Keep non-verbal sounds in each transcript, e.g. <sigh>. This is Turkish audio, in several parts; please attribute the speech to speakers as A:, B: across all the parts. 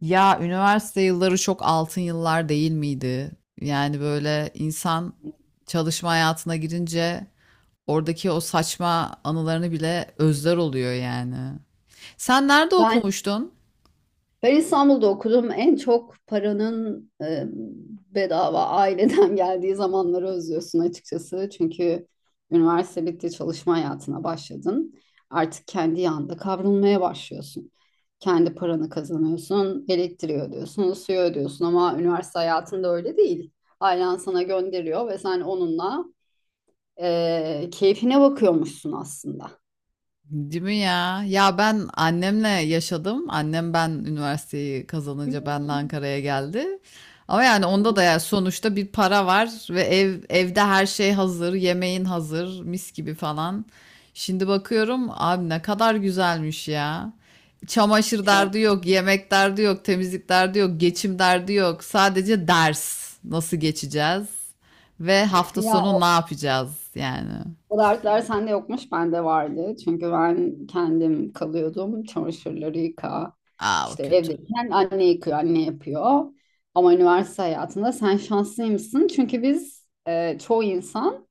A: Ya üniversite yılları çok altın yıllar değil miydi? Yani böyle insan çalışma hayatına girince oradaki o saçma anılarını bile özler oluyor yani. Sen nerede
B: Ben
A: okumuştun?
B: ben İstanbul'da okudum. En çok paranın bedava aileden <laughs> geldiği zamanları özlüyorsun açıkçası. Çünkü üniversite bitti, çalışma hayatına başladın. Artık kendi yanında kavrulmaya başlıyorsun. Kendi paranı kazanıyorsun, elektriği ödüyorsun, suyu ödüyorsun ama üniversite hayatında öyle değil. Ailen sana gönderiyor ve sen onunla keyfine bakıyormuşsun aslında.
A: Değil mi ya? Ya ben annemle yaşadım. Annem ben üniversiteyi
B: Hı
A: kazanınca benle Ankara'ya geldi. Ama yani onda da
B: hı.
A: yani sonuçta bir para var ve evde her şey hazır, yemeğin hazır, mis gibi falan. Şimdi bakıyorum abi ne kadar güzelmiş ya. Çamaşır
B: Çok.
A: derdi yok, yemek derdi yok, temizlik derdi yok, geçim derdi yok. Sadece ders nasıl geçeceğiz ve hafta
B: Ya,
A: sonu ne yapacağız yani.
B: o dertler sende yokmuş, bende vardı. Çünkü ben kendim kalıyordum. Çamaşırları yıka.
A: Aa o
B: İşte
A: kötü.
B: evdeyken anne yıkıyor, anne yapıyor. Ama üniversite hayatında sen şanslıymışsın. Çünkü biz çoğu insan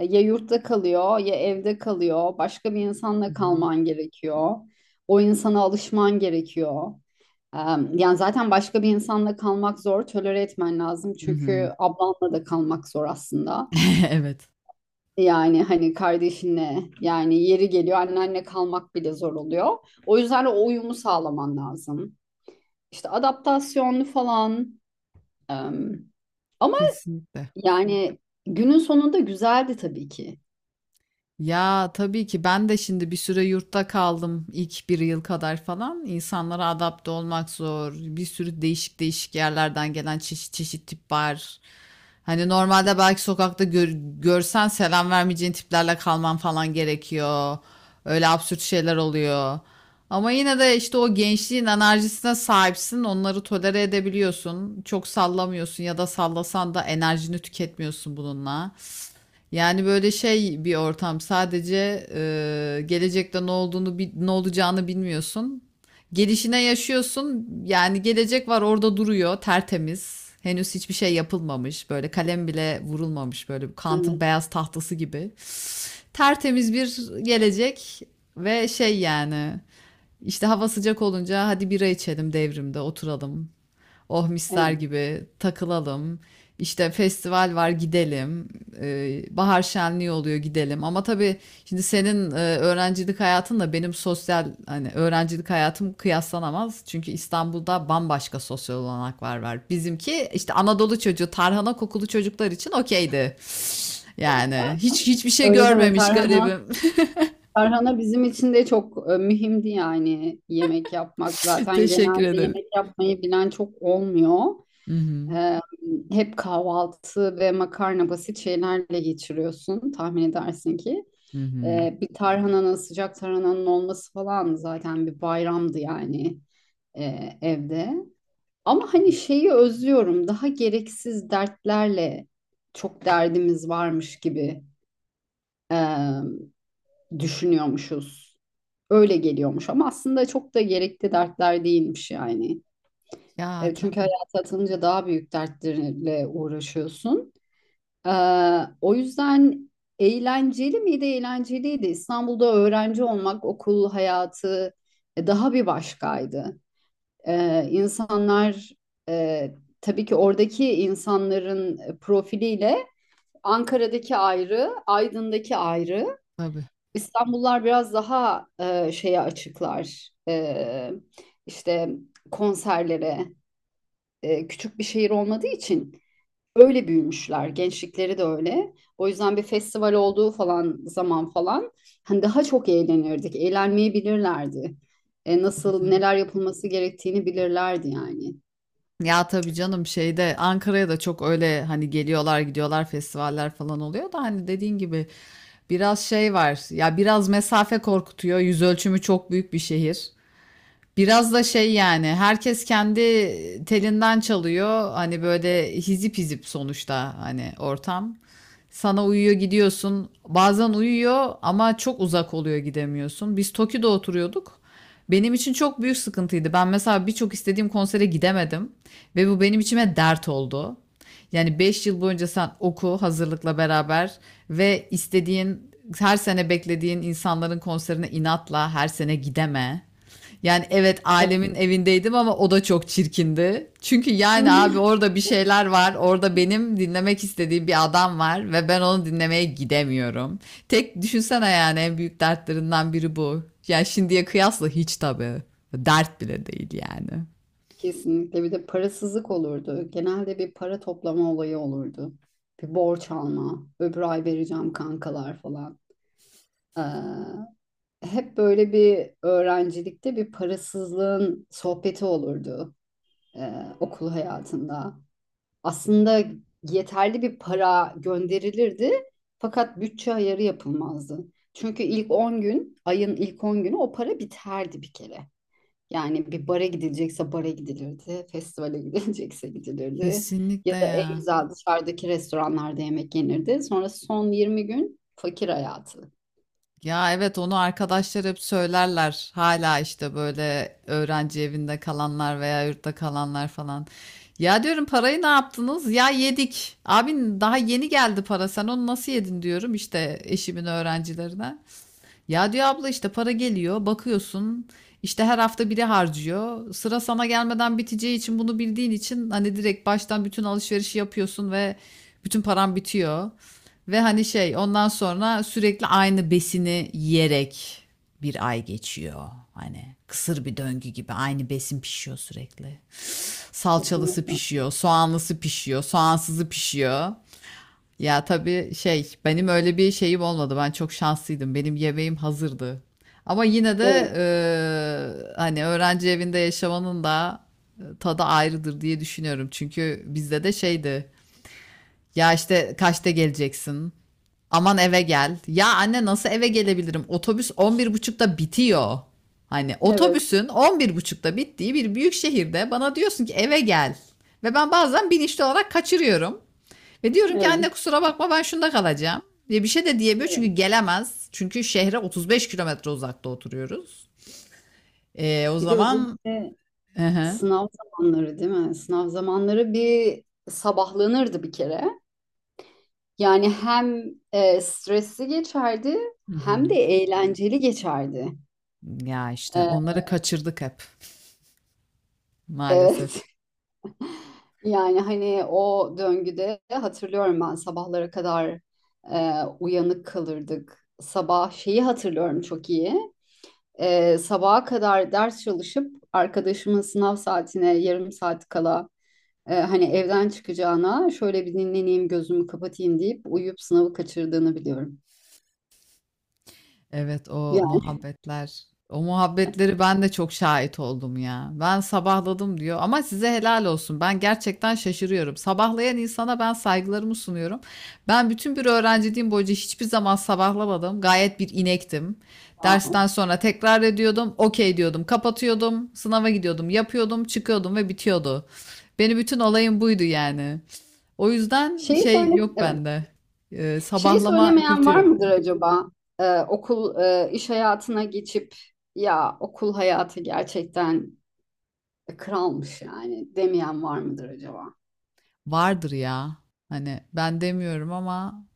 B: ya yurtta kalıyor ya evde kalıyor. Başka bir
A: Hı
B: insanla
A: hı.
B: kalman gerekiyor. O insana alışman gerekiyor. E, yani zaten başka bir insanla kalmak zor. Tolere etmen lazım.
A: Hı hı.
B: Çünkü ablanla da kalmak zor aslında.
A: <laughs> Evet.
B: Yani hani kardeşinle yani yeri geliyor annenle kalmak bile zor oluyor. O yüzden o uyumu sağlaman lazım. İşte adaptasyonlu falan. em, ama
A: Kesinlikle.
B: yani günün sonunda güzeldi tabii ki.
A: Ya, tabii ki ben de şimdi bir süre yurtta kaldım ilk bir yıl kadar falan. İnsanlara adapte olmak zor. Bir sürü değişik değişik yerlerden gelen çeşit çeşit tip var. Hani normalde belki sokakta görsen selam vermeyeceğin tiplerle kalman falan gerekiyor. Öyle absürt şeyler oluyor. Ama yine de işte o gençliğin enerjisine sahipsin. Onları tolere edebiliyorsun. Çok sallamıyorsun ya da sallasan da enerjini tüketmiyorsun bununla. Yani böyle şey bir ortam sadece gelecekte ne olduğunu ne olacağını bilmiyorsun. Gelişine yaşıyorsun. Yani gelecek var orada duruyor tertemiz. Henüz hiçbir şey yapılmamış. Böyle kalem bile vurulmamış. Böyle Kant'ın
B: Evet,
A: beyaz tahtası gibi. Tertemiz bir gelecek ve şey yani işte hava sıcak olunca hadi bira içelim devrimde oturalım. Oh mister
B: evet.
A: gibi takılalım. İşte festival var gidelim. Bahar şenliği oluyor gidelim. Ama tabii şimdi senin öğrencilik hayatınla benim sosyal hani öğrencilik hayatım kıyaslanamaz. Çünkü İstanbul'da bambaşka sosyal olanaklar var. Bizimki işte Anadolu çocuğu, tarhana kokulu çocuklar için okeydi. Yani hiç hiçbir şey
B: Öyle deme
A: görmemiş
B: Tarhana.
A: garibim.
B: Tarhana bizim için de çok mühimdi yani yemek yapmak.
A: <laughs>
B: Zaten
A: Teşekkür
B: genelde
A: ederim.
B: yemek yapmayı bilen çok olmuyor.
A: Hı hı.
B: Em, hep kahvaltı ve makarna basit şeylerle geçiriyorsun tahmin edersin ki.
A: Hı hı.
B: Bir tarhananın, sıcak tarhananın olması falan zaten bir bayramdı yani evde. Ama hani şeyi özlüyorum, daha gereksiz dertlerle çok derdimiz varmış gibi e, düşünüyormuşuz. Öyle geliyormuş ama aslında çok da gerekli dertler değilmiş yani.
A: Ya
B: Çünkü
A: tabii
B: hayata atılınca daha büyük dertlerle uğraşıyorsun. Ee, o yüzden eğlenceli miydi? Eğlenceliydi. İstanbul'da öğrenci olmak, okul hayatı daha bir başkaydı. İnsanlar e, tabii ki oradaki insanların profiliyle Ankara'daki ayrı, Aydın'daki ayrı.
A: tabii
B: İstanbullular biraz daha şeye açıklar. İşte konserlere, küçük bir şehir olmadığı için öyle büyümüşler. Gençlikleri de öyle. O yüzden bir festival olduğu falan zaman falan hani daha çok eğlenirdik. Eğlenmeyi bilirlerdi.
A: tabii
B: Nasıl
A: canım.
B: neler yapılması gerektiğini bilirlerdi yani.
A: Ya tabii canım şeyde Ankara'ya da çok öyle hani geliyorlar gidiyorlar festivaller falan oluyor da hani dediğin gibi biraz şey var ya biraz mesafe korkutuyor, yüz ölçümü çok büyük bir şehir. Biraz da şey yani herkes kendi telinden çalıyor. Hani böyle hizip hizip sonuçta hani ortam. Sana uyuyor gidiyorsun. Bazen uyuyor ama çok uzak oluyor gidemiyorsun. Biz Toki'de oturuyorduk. Benim için çok büyük sıkıntıydı. Ben mesela birçok istediğim konsere gidemedim ve bu benim içime dert oldu. Yani 5 yıl boyunca sen oku hazırlıkla beraber ve istediğin her sene beklediğin insanların konserine inatla her sene gideme. Yani evet
B: Evet.
A: ailemin evindeydim ama o da çok çirkindi. Çünkü yani abi
B: <laughs>
A: orada bir şeyler var. Orada benim dinlemek istediğim bir adam var ve ben onu dinlemeye gidemiyorum. Tek düşünsene yani en büyük dertlerinden biri bu. Yani şimdiye kıyasla hiç tabii. Dert bile değil yani.
B: Kesinlikle bir de parasızlık olurdu. Genelde bir para toplama olayı olurdu. Bir borç alma, öbür ay vereceğim kankalar falan. Ee, hep böyle bir öğrencilikte bir parasızlığın sohbeti olurdu e, okul hayatında. Aslında yeterli bir para gönderilirdi fakat bütçe ayarı yapılmazdı. Çünkü ilk 10 gün, ayın ilk 10 günü o para biterdi bir kere. Yani bir bara gidilecekse bara gidilirdi, festivale <laughs> gidilecekse gidilirdi ya
A: Kesinlikle
B: da en
A: ya.
B: güzel dışarıdaki restoranlarda yemek yenirdi. Sonra son 20 gün fakir hayatı.
A: Ya evet onu arkadaşlar hep söylerler. Hala işte böyle öğrenci evinde kalanlar veya yurtta kalanlar falan. Ya diyorum parayı ne yaptınız? Ya yedik. Abin daha yeni geldi para. Sen onu nasıl yedin diyorum işte eşimin öğrencilerine. Ya diyor abla işte para geliyor, bakıyorsun. İşte her hafta biri harcıyor. Sıra sana gelmeden biteceği için bunu bildiğin için hani direkt baştan bütün alışverişi yapıyorsun ve bütün paran bitiyor. Ve hani şey ondan sonra sürekli aynı besini yiyerek bir ay geçiyor. Hani kısır bir döngü gibi aynı besin pişiyor sürekli. Salçalısı
B: Kesinlikle.
A: pişiyor, soğanlısı pişiyor, soğansızı pişiyor. Ya tabii şey benim öyle bir şeyim olmadı. Ben çok şanslıydım. Benim yemeğim hazırdı. Ama yine de
B: Evet,
A: hani öğrenci evinde yaşamanın da tadı ayrıdır diye düşünüyorum. Çünkü bizde de şeydi. Ya işte kaçta geleceksin? Aman eve gel. Ya anne nasıl eve gelebilirim? Otobüs 11.30'da bitiyor. Hani
B: evet,
A: otobüsün 11.30'da bittiği bir büyük şehirde bana diyorsun ki eve gel. Ve ben bazen bilinçli olarak kaçırıyorum. Ve diyorum ki anne
B: evet,
A: kusura bakma ben şunda kalacağım. Diye bir şey de diyemiyor
B: evet.
A: çünkü gelemez. Çünkü şehre 35 kilometre uzakta oturuyoruz. O
B: Bir de
A: zaman...
B: özellikle
A: Hı hı.
B: sınav zamanları değil mi? Sınav zamanları bir sabahlanırdı bir kere. Yani hem stresli geçerdi
A: Hı
B: hem de
A: hı.
B: eğlenceli geçerdi.
A: Ya işte
B: E,
A: onları kaçırdık hep maalesef.
B: evet. <laughs> Yani hani o döngüde hatırlıyorum ben sabahlara kadar uyanık kalırdık. Sabah şeyi hatırlıyorum çok iyi. Sabaha kadar ders çalışıp arkadaşımın sınav saatine yarım saat kala hani evden çıkacağına şöyle bir dinleneyim gözümü kapatayım deyip uyuyup sınavı kaçırdığını biliyorum.
A: Evet, o
B: Yani
A: muhabbetler. O muhabbetleri ben de çok şahit oldum ya. Ben sabahladım diyor ama size helal olsun. Ben gerçekten şaşırıyorum. Sabahlayan insana ben saygılarımı sunuyorum. Ben bütün bir öğrenciliğim boyunca hiçbir zaman sabahlamadım. Gayet bir inektim.
B: wow.
A: Dersten sonra tekrar ediyordum. Okey diyordum. Kapatıyordum. Sınava gidiyordum. Yapıyordum. Çıkıyordum ve bitiyordu. Benim bütün olayım buydu yani. O yüzden
B: Şeyi
A: şey
B: söyle,
A: yok
B: evet.
A: bende.
B: Şeyi
A: Sabahlama
B: söylemeyen
A: kültürü
B: var
A: yok.
B: mıdır acaba? Okul iş hayatına geçip ya okul hayatı gerçekten kralmış yani demeyen var mıdır acaba?
A: Vardır ya. Hani ben demiyorum ama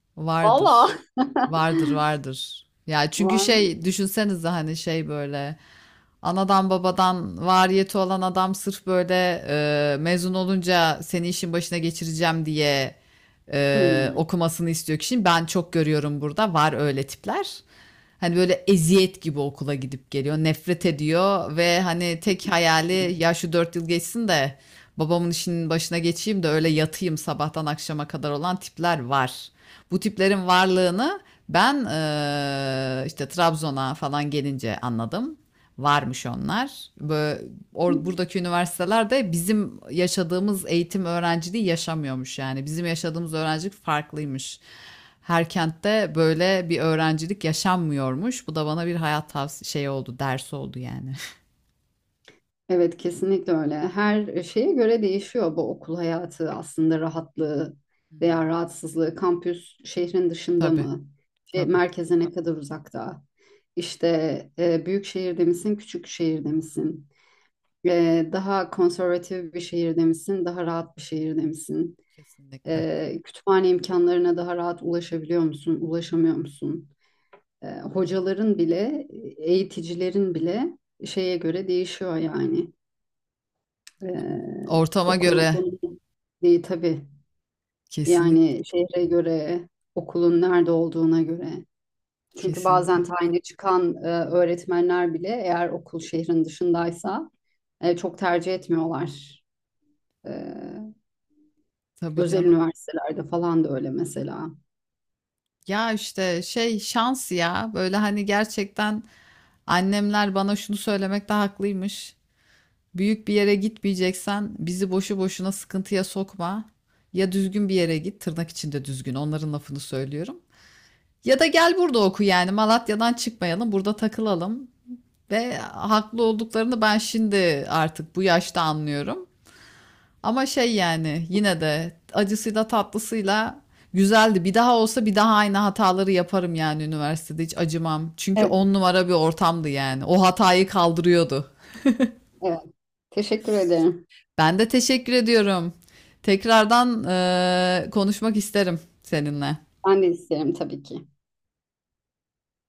B: Valla
A: vardır. Vardır, vardır. Ya
B: <laughs>
A: çünkü
B: var mı?
A: şey düşünsenize hani şey böyle anadan babadan variyeti olan adam sırf böyle mezun olunca seni işin başına geçireceğim diye
B: Hmm.
A: okumasını istiyor kişinin. Ben çok görüyorum burada var öyle tipler. Hani böyle eziyet gibi okula gidip geliyor, nefret ediyor ve hani tek hayali ya şu 4 yıl geçsin de babamın işinin başına geçeyim de öyle yatayım sabahtan akşama kadar olan tipler var. Bu tiplerin varlığını ben işte Trabzon'a falan gelince anladım. Varmış onlar. Bö- Buradaki üniversitelerde bizim yaşadığımız eğitim öğrenciliği yaşamıyormuş yani. Bizim yaşadığımız öğrencilik farklıymış. Her kentte böyle bir öğrencilik yaşanmıyormuş. Bu da bana bir hayat tavsiye şey oldu, ders oldu yani.
B: Evet kesinlikle öyle. Her şeye göre değişiyor bu okul hayatı aslında rahatlığı
A: Hı
B: veya
A: hı.
B: rahatsızlığı. Kampüs şehrin dışında
A: Tabii,
B: mı? Şey,
A: tabii.
B: merkeze ne kadar uzakta? İşte büyük şehirde misin, küçük şehirde misin? Daha konservatif bir şehirde misin, daha rahat bir şehirde misin?
A: Kesinlikle.
B: Kütüphane imkanlarına daha rahat ulaşabiliyor musun, ulaşamıyor musun? Hocaların bile, eğiticilerin bile şeye göre değişiyor yani.
A: Ortama
B: Okulun
A: göre.
B: konumu tabii
A: Kesinlikle,
B: yani şehre göre, okulun nerede olduğuna göre. Çünkü bazen
A: kesinlikle.
B: tayini çıkan öğretmenler bile eğer okul şehrin dışındaysa çok tercih etmiyorlar. Ee,
A: Tabii
B: özel
A: canım.
B: üniversitelerde falan da öyle mesela.
A: Ya işte şey şans ya. Böyle hani gerçekten annemler bana şunu söylemekte haklıymış. Büyük bir yere gitmeyeceksen bizi boşu boşuna sıkıntıya sokma. Ya düzgün bir yere git, tırnak içinde düzgün. Onların lafını söylüyorum. Ya da gel burada oku yani. Malatya'dan çıkmayalım, burada takılalım. Ve haklı olduklarını ben şimdi artık bu yaşta anlıyorum. Ama şey yani yine de acısıyla tatlısıyla güzeldi. Bir daha olsa bir daha aynı hataları yaparım yani üniversitede hiç acımam. Çünkü
B: Evet,
A: on numara bir ortamdı yani. O hatayı kaldırıyordu.
B: evet. Teşekkür ederim.
A: Ben de teşekkür ediyorum. Tekrardan konuşmak isterim seninle.
B: Ben de isterim tabii ki.